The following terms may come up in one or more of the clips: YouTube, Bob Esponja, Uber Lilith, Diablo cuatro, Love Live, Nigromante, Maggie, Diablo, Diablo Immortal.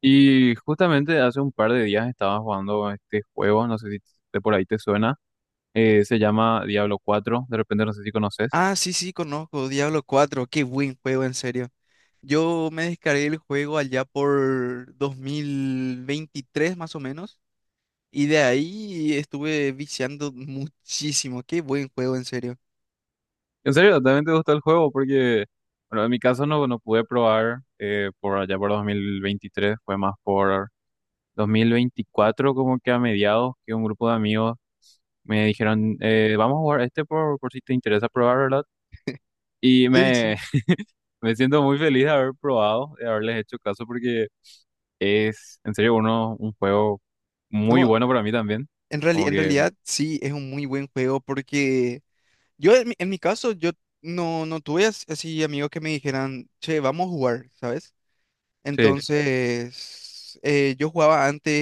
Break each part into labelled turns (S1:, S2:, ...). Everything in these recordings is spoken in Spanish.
S1: Y justamente hace un par de días estaba jugando este juego, no sé si de por ahí te suena, se llama Diablo cuatro. De repente no sé si conoces.
S2: Ah, sí, sí, conozco Diablo cuatro, qué buen juego, en serio. Yo me descargué el juego allá por 2023 más o menos, y de ahí estuve viciando muchísimo, qué buen juego, en serio.
S1: En serio, también te gustó el juego porque, bueno, en mi caso no pude probar, por allá por 2023. Fue más por 2024 como que a mediados, que un grupo de amigos me dijeron, vamos a jugar este por si te interesa probar, ¿verdad? Y
S2: Sí,
S1: me,
S2: sí.
S1: me siento muy feliz de haber probado, de haberles hecho caso porque... Es en serio uno, un juego muy
S2: No,
S1: bueno para mí también. Como
S2: en
S1: que,
S2: realidad sí, es un muy buen juego porque yo en mi caso, yo no, no tuve así amigos que me dijeran, che, vamos a jugar, ¿sabes?
S1: sí,
S2: Entonces, yo jugaba antes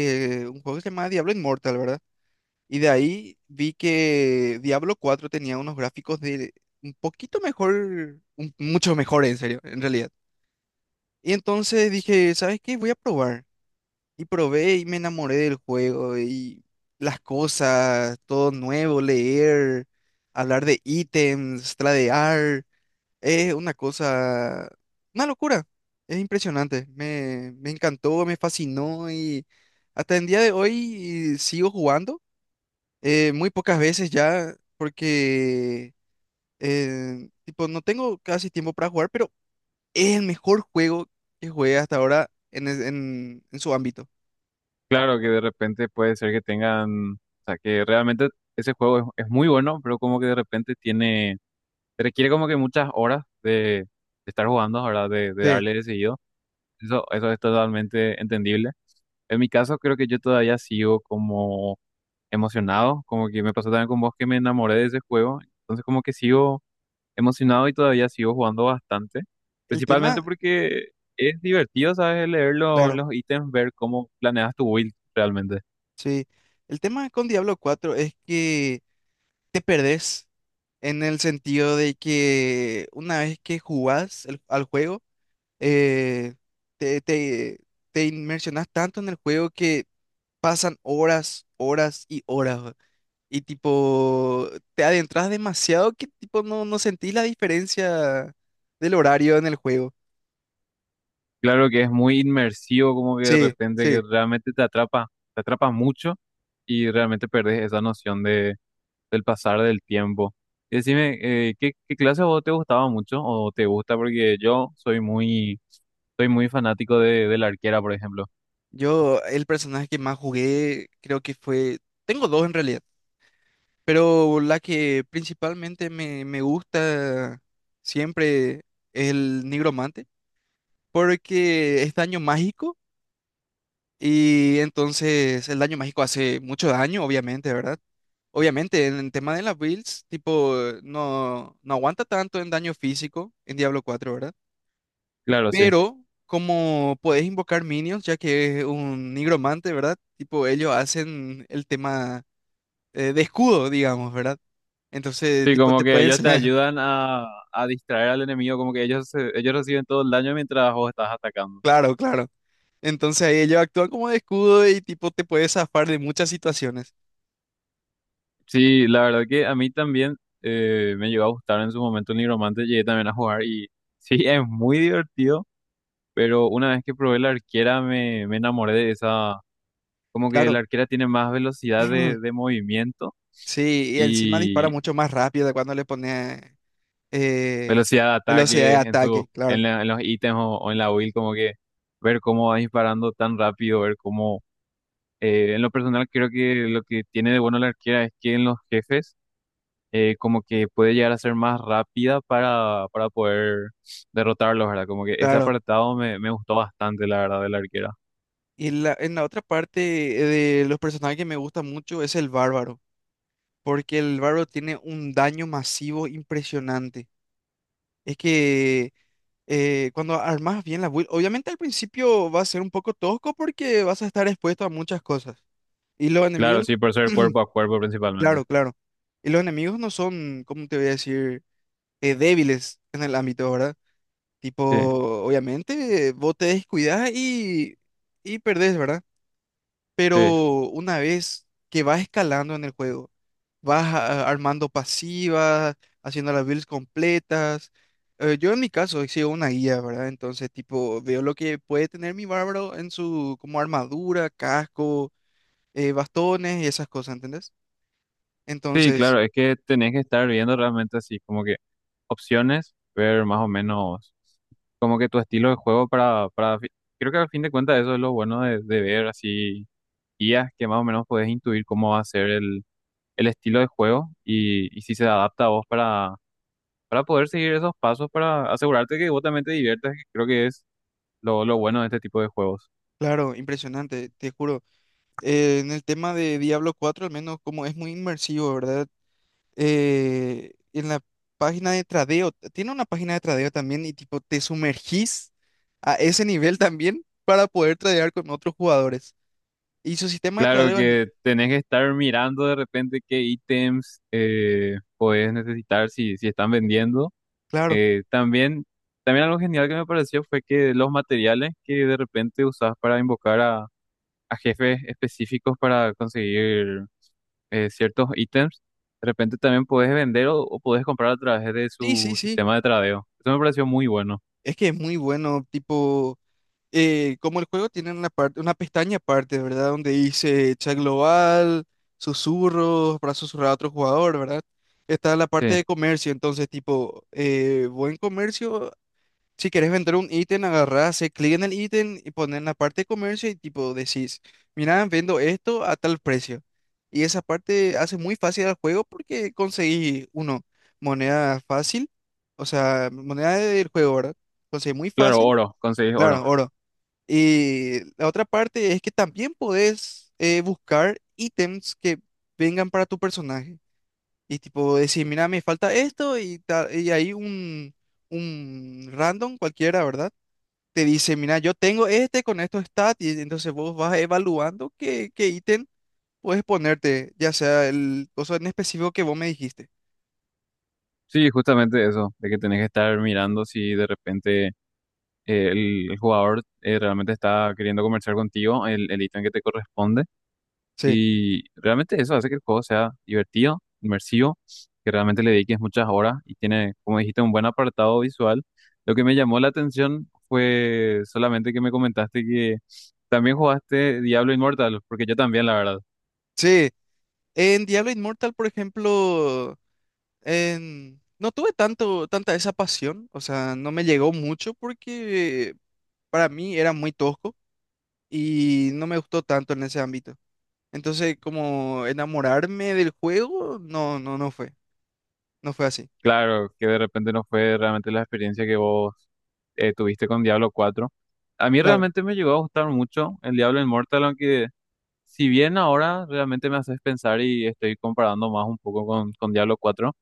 S2: un juego que se llamaba Diablo Immortal, ¿verdad? Y de ahí vi que Diablo cuatro tenía unos gráficos de un poquito mejor, mucho mejor en serio, en realidad. Y entonces dije, ¿sabes qué? Voy a probar. Y probé y me enamoré del juego y las cosas, todo nuevo, leer, hablar de ítems, tradear. Es una cosa, una locura. Es impresionante. Me encantó, me fascinó y hasta el día de hoy sigo jugando. Muy pocas veces ya, porque tipo, no tengo casi tiempo para jugar, pero es el mejor juego que jugué hasta ahora en su ámbito.
S1: claro que de repente puede ser que tengan, o sea, que realmente ese juego es muy bueno, pero como que de repente tiene, requiere como que muchas horas de estar jugando, ¿verdad? De
S2: Sí.
S1: darle de seguido. Eso es totalmente entendible. En mi caso, creo que yo todavía sigo como emocionado, como que me pasó también con vos, que me enamoré de ese juego. Entonces, como que sigo emocionado y todavía sigo jugando bastante,
S2: El
S1: principalmente
S2: tema,
S1: porque es divertido, ¿sabes? Leer
S2: claro,
S1: los ítems, ver cómo planeas tu build realmente.
S2: sí. El tema con Diablo cuatro es que te perdés en el sentido de que una vez que jugás al juego, eh, te, te, te inmersionás tanto en el juego que pasan horas, horas y horas. Y tipo, te adentras demasiado que tipo no, no sentís la diferencia del horario en el juego.
S1: Claro que es muy inmersivo, como que de
S2: Sí,
S1: repente que
S2: sí.
S1: realmente te atrapa mucho y realmente perdés esa noción de, del pasar del tiempo. Y decime, ¿qué, qué clase a vos te gustaba mucho o te gusta? Porque yo soy muy fanático de la arquera, por ejemplo.
S2: Yo, el personaje que más jugué, creo que fue. Tengo dos en realidad, pero la que principalmente me gusta siempre es el nigromante, porque es daño mágico. Y entonces el daño mágico hace mucho daño, obviamente, ¿verdad? Obviamente, en el tema de las builds, tipo, no, no aguanta tanto en daño físico en Diablo cuatro, ¿verdad?
S1: Claro, sí.
S2: Pero como podés invocar minions, ya que es un nigromante, ¿verdad? Tipo, ellos hacen el tema de escudo, digamos, ¿verdad? Entonces,
S1: Sí,
S2: tipo,
S1: como
S2: te
S1: que
S2: pueden.
S1: ellos te ayudan a distraer al enemigo, como que ellos, ellos reciben todo el daño mientras vos estás atacando.
S2: Claro, claro. Entonces ahí ellos actúan como de escudo y tipo, te puedes zafar de muchas situaciones.
S1: Sí, la verdad que a mí también, me llegó a gustar en su momento el Nigromante, llegué también a jugar y sí, es muy divertido, pero una vez que probé la arquera me, me enamoré de esa, como que
S2: Claro.
S1: la arquera tiene más velocidad de movimiento
S2: Sí, y encima dispara
S1: y
S2: mucho más rápido de cuando le pone eh,
S1: velocidad de
S2: velocidad de
S1: ataque en su,
S2: ataque, claro,
S1: en los ítems o en la build, como que ver cómo va disparando tan rápido, ver cómo... En lo personal creo que lo que tiene de bueno la arquera es que en los jefes, como que puede llegar a ser más rápida para poder derrotarlos, ¿verdad? Como que ese
S2: claro.
S1: apartado me, me gustó bastante, la verdad, de la arquera.
S2: Y en la otra parte eh, de los personajes que me gusta mucho es el bárbaro, porque el bárbaro tiene un daño masivo impresionante. Es que cuando armas bien la build, obviamente al principio va a ser un poco tosco porque vas a estar expuesto a muchas cosas. Y los
S1: Claro,
S2: enemigos,
S1: sí, por ser cuerpo a cuerpo principalmente.
S2: claro, claro. Y los enemigos no son, ¿cómo te voy a decir? Débiles en el ámbito, ¿verdad? Tipo,
S1: Sí,
S2: obviamente, vos te descuidás y perdés, ¿verdad?
S1: sí,
S2: Pero una vez que vas escalando en el juego, armando pasivas, haciendo las builds completas. Yo en mi caso sigo una guía, ¿verdad? Entonces, tipo, veo lo que puede tener mi bárbaro en su, como armadura, casco, bastones y esas cosas, ¿entendés?
S1: sí,
S2: Entonces,
S1: claro, es que tenés que estar viendo realmente así, como que opciones, ver más o menos como que tu estilo de juego para, para. Creo que al fin de cuentas eso es lo bueno de ver así guías, que más o menos puedes intuir cómo va a ser el estilo de juego y si se adapta a vos para poder seguir esos pasos, para asegurarte que vos también te diviertas, que creo que es lo bueno de este tipo de juegos.
S2: claro, impresionante, te juro. En el tema de Diablo cuatro al menos como es muy inmersivo, ¿verdad? En la página de tradeo, tiene una página de tradeo también y tipo te sumergís a ese nivel también para poder tradear con otros jugadores. Y su sistema de
S1: Claro
S2: tradeo
S1: que
S2: es,
S1: tenés que estar mirando de repente qué ítems podés necesitar si, si están vendiendo.
S2: claro,
S1: También, también algo genial que me pareció fue que los materiales que de repente usás para invocar a jefes específicos para conseguir, ciertos ítems, de repente también puedes vender o puedes comprar a través de
S2: sí,
S1: su
S2: sí, sí,
S1: sistema de tradeo. Eso me pareció muy bueno.
S2: es que es muy bueno, tipo, como el juego tiene una parte, una pestaña aparte, ¿verdad? Donde dice chat global, susurros, para susurrar a otro jugador, ¿verdad? Está la parte
S1: Sí,
S2: de comercio, entonces tipo, buen comercio. Si quieres vender un ítem, agarrás, haces clic en el ítem y pones en la parte de comercio y tipo decís, mira, vendo esto a tal precio. Y esa parte hace muy fácil al juego porque conseguí, uno, moneda fácil, o sea, moneda del juego, ¿verdad? Conseguí muy
S1: claro,
S2: fácil,
S1: oro, conseguís
S2: claro,
S1: oro.
S2: oro. Y la otra parte es que también podés buscar ítems que vengan para tu personaje. Y tipo decir, mira, me falta esto y ahí un random cualquiera, ¿verdad? Te dice, mira, yo tengo este con estos stats, y entonces vos vas evaluando qué ítem puedes ponerte, ya sea el coso en específico que vos me dijiste.
S1: Sí, justamente eso, de que tenés que estar mirando si de repente, el jugador, realmente está queriendo comerciar contigo el ítem que te corresponde.
S2: Sí.
S1: Y realmente eso hace que el juego sea divertido, inmersivo, que realmente le dediques muchas horas y tiene, como dijiste, un buen apartado visual. Lo que me llamó la atención fue solamente que me comentaste que también jugaste Diablo Immortal, porque yo también, la verdad.
S2: Sí. En Diablo Immortal, por ejemplo, no tuve tanto, tanta esa pasión, o sea, no me llegó mucho porque para mí era muy tosco y no me gustó tanto en ese ámbito. Entonces, como enamorarme del juego, no, no, no fue, no fue así.
S1: Claro, que de repente no fue realmente la experiencia que vos, tuviste con Diablo cuatro. A mí
S2: Claro.
S1: realmente me llegó a gustar mucho el Diablo Immortal, aunque... Si bien ahora realmente me haces pensar y estoy comparando más un poco con Diablo cuatro,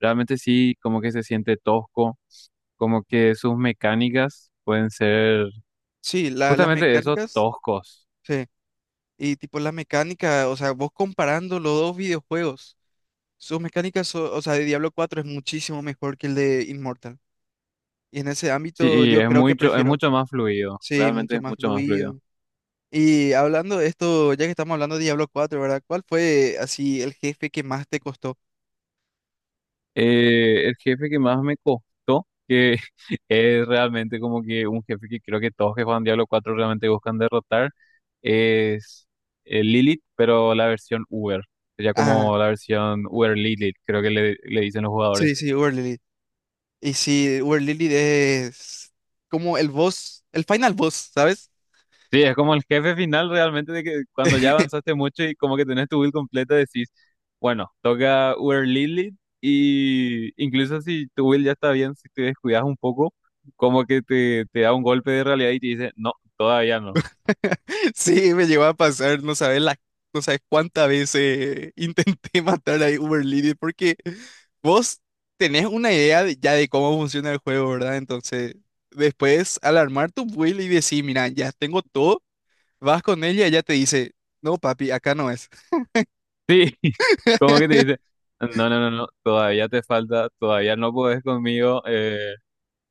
S1: realmente sí, como que se siente tosco, como que sus mecánicas pueden ser
S2: Sí, las
S1: justamente eso,
S2: mecánicas,
S1: toscos.
S2: sí. Y tipo la mecánica, o sea, vos comparando los dos videojuegos, sus mecánicas, o sea, de Diablo cuatro es muchísimo mejor que el de Immortal. Y en ese
S1: Sí,
S2: ámbito
S1: y
S2: yo sí, creo que
S1: es
S2: prefiero,
S1: mucho más fluido,
S2: sí,
S1: realmente
S2: mucho
S1: es
S2: más
S1: mucho más fluido.
S2: fluido. Y hablando de esto, ya que estamos hablando de Diablo cuatro, ¿verdad? ¿Cuál fue así el jefe que más te costó?
S1: El jefe que más me costó, que es realmente como que un jefe que creo que todos que juegan Diablo cuatro realmente buscan derrotar, es Lilith, pero la versión Uber, ya
S2: Ah,
S1: como
S2: wow.
S1: la versión Uber Lilith, creo que le dicen los
S2: Sí,
S1: jugadores.
S2: sí, Uber Lilith. Y sí, Uber Lilith es como el boss, el final boss, ¿sabes?
S1: Sí, es como el jefe final realmente, de que cuando ya avanzaste mucho y como que tenés tu build completa decís, bueno, toca Uber Lilith. Y incluso si tu build ya está bien, si te descuidas un poco, como que te da un golpe de realidad y te dice, no, todavía no.
S2: Sí, me llegó a pasar, no sabes cuántas veces intenté matar a Uber Lily porque vos tenés una idea ya de cómo funciona el juego, ¿verdad? Entonces, después al armar tu build y decir, mira, ya tengo todo, vas con ella y ella te dice, no, papi, acá no es.
S1: Sí, como que te dice, no, no, no, no, todavía te falta, todavía no podés conmigo.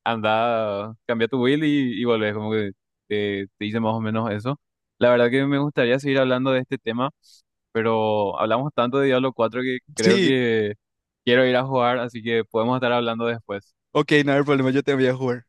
S1: Anda, cambia tu build y volvés, como que te dice más o menos eso. La verdad que me gustaría seguir hablando de este tema, pero hablamos tanto de Diablo cuatro que creo
S2: Sí,
S1: que quiero ir a jugar, así que podemos estar hablando después.
S2: ok, no hay problema, yo te voy a jugar.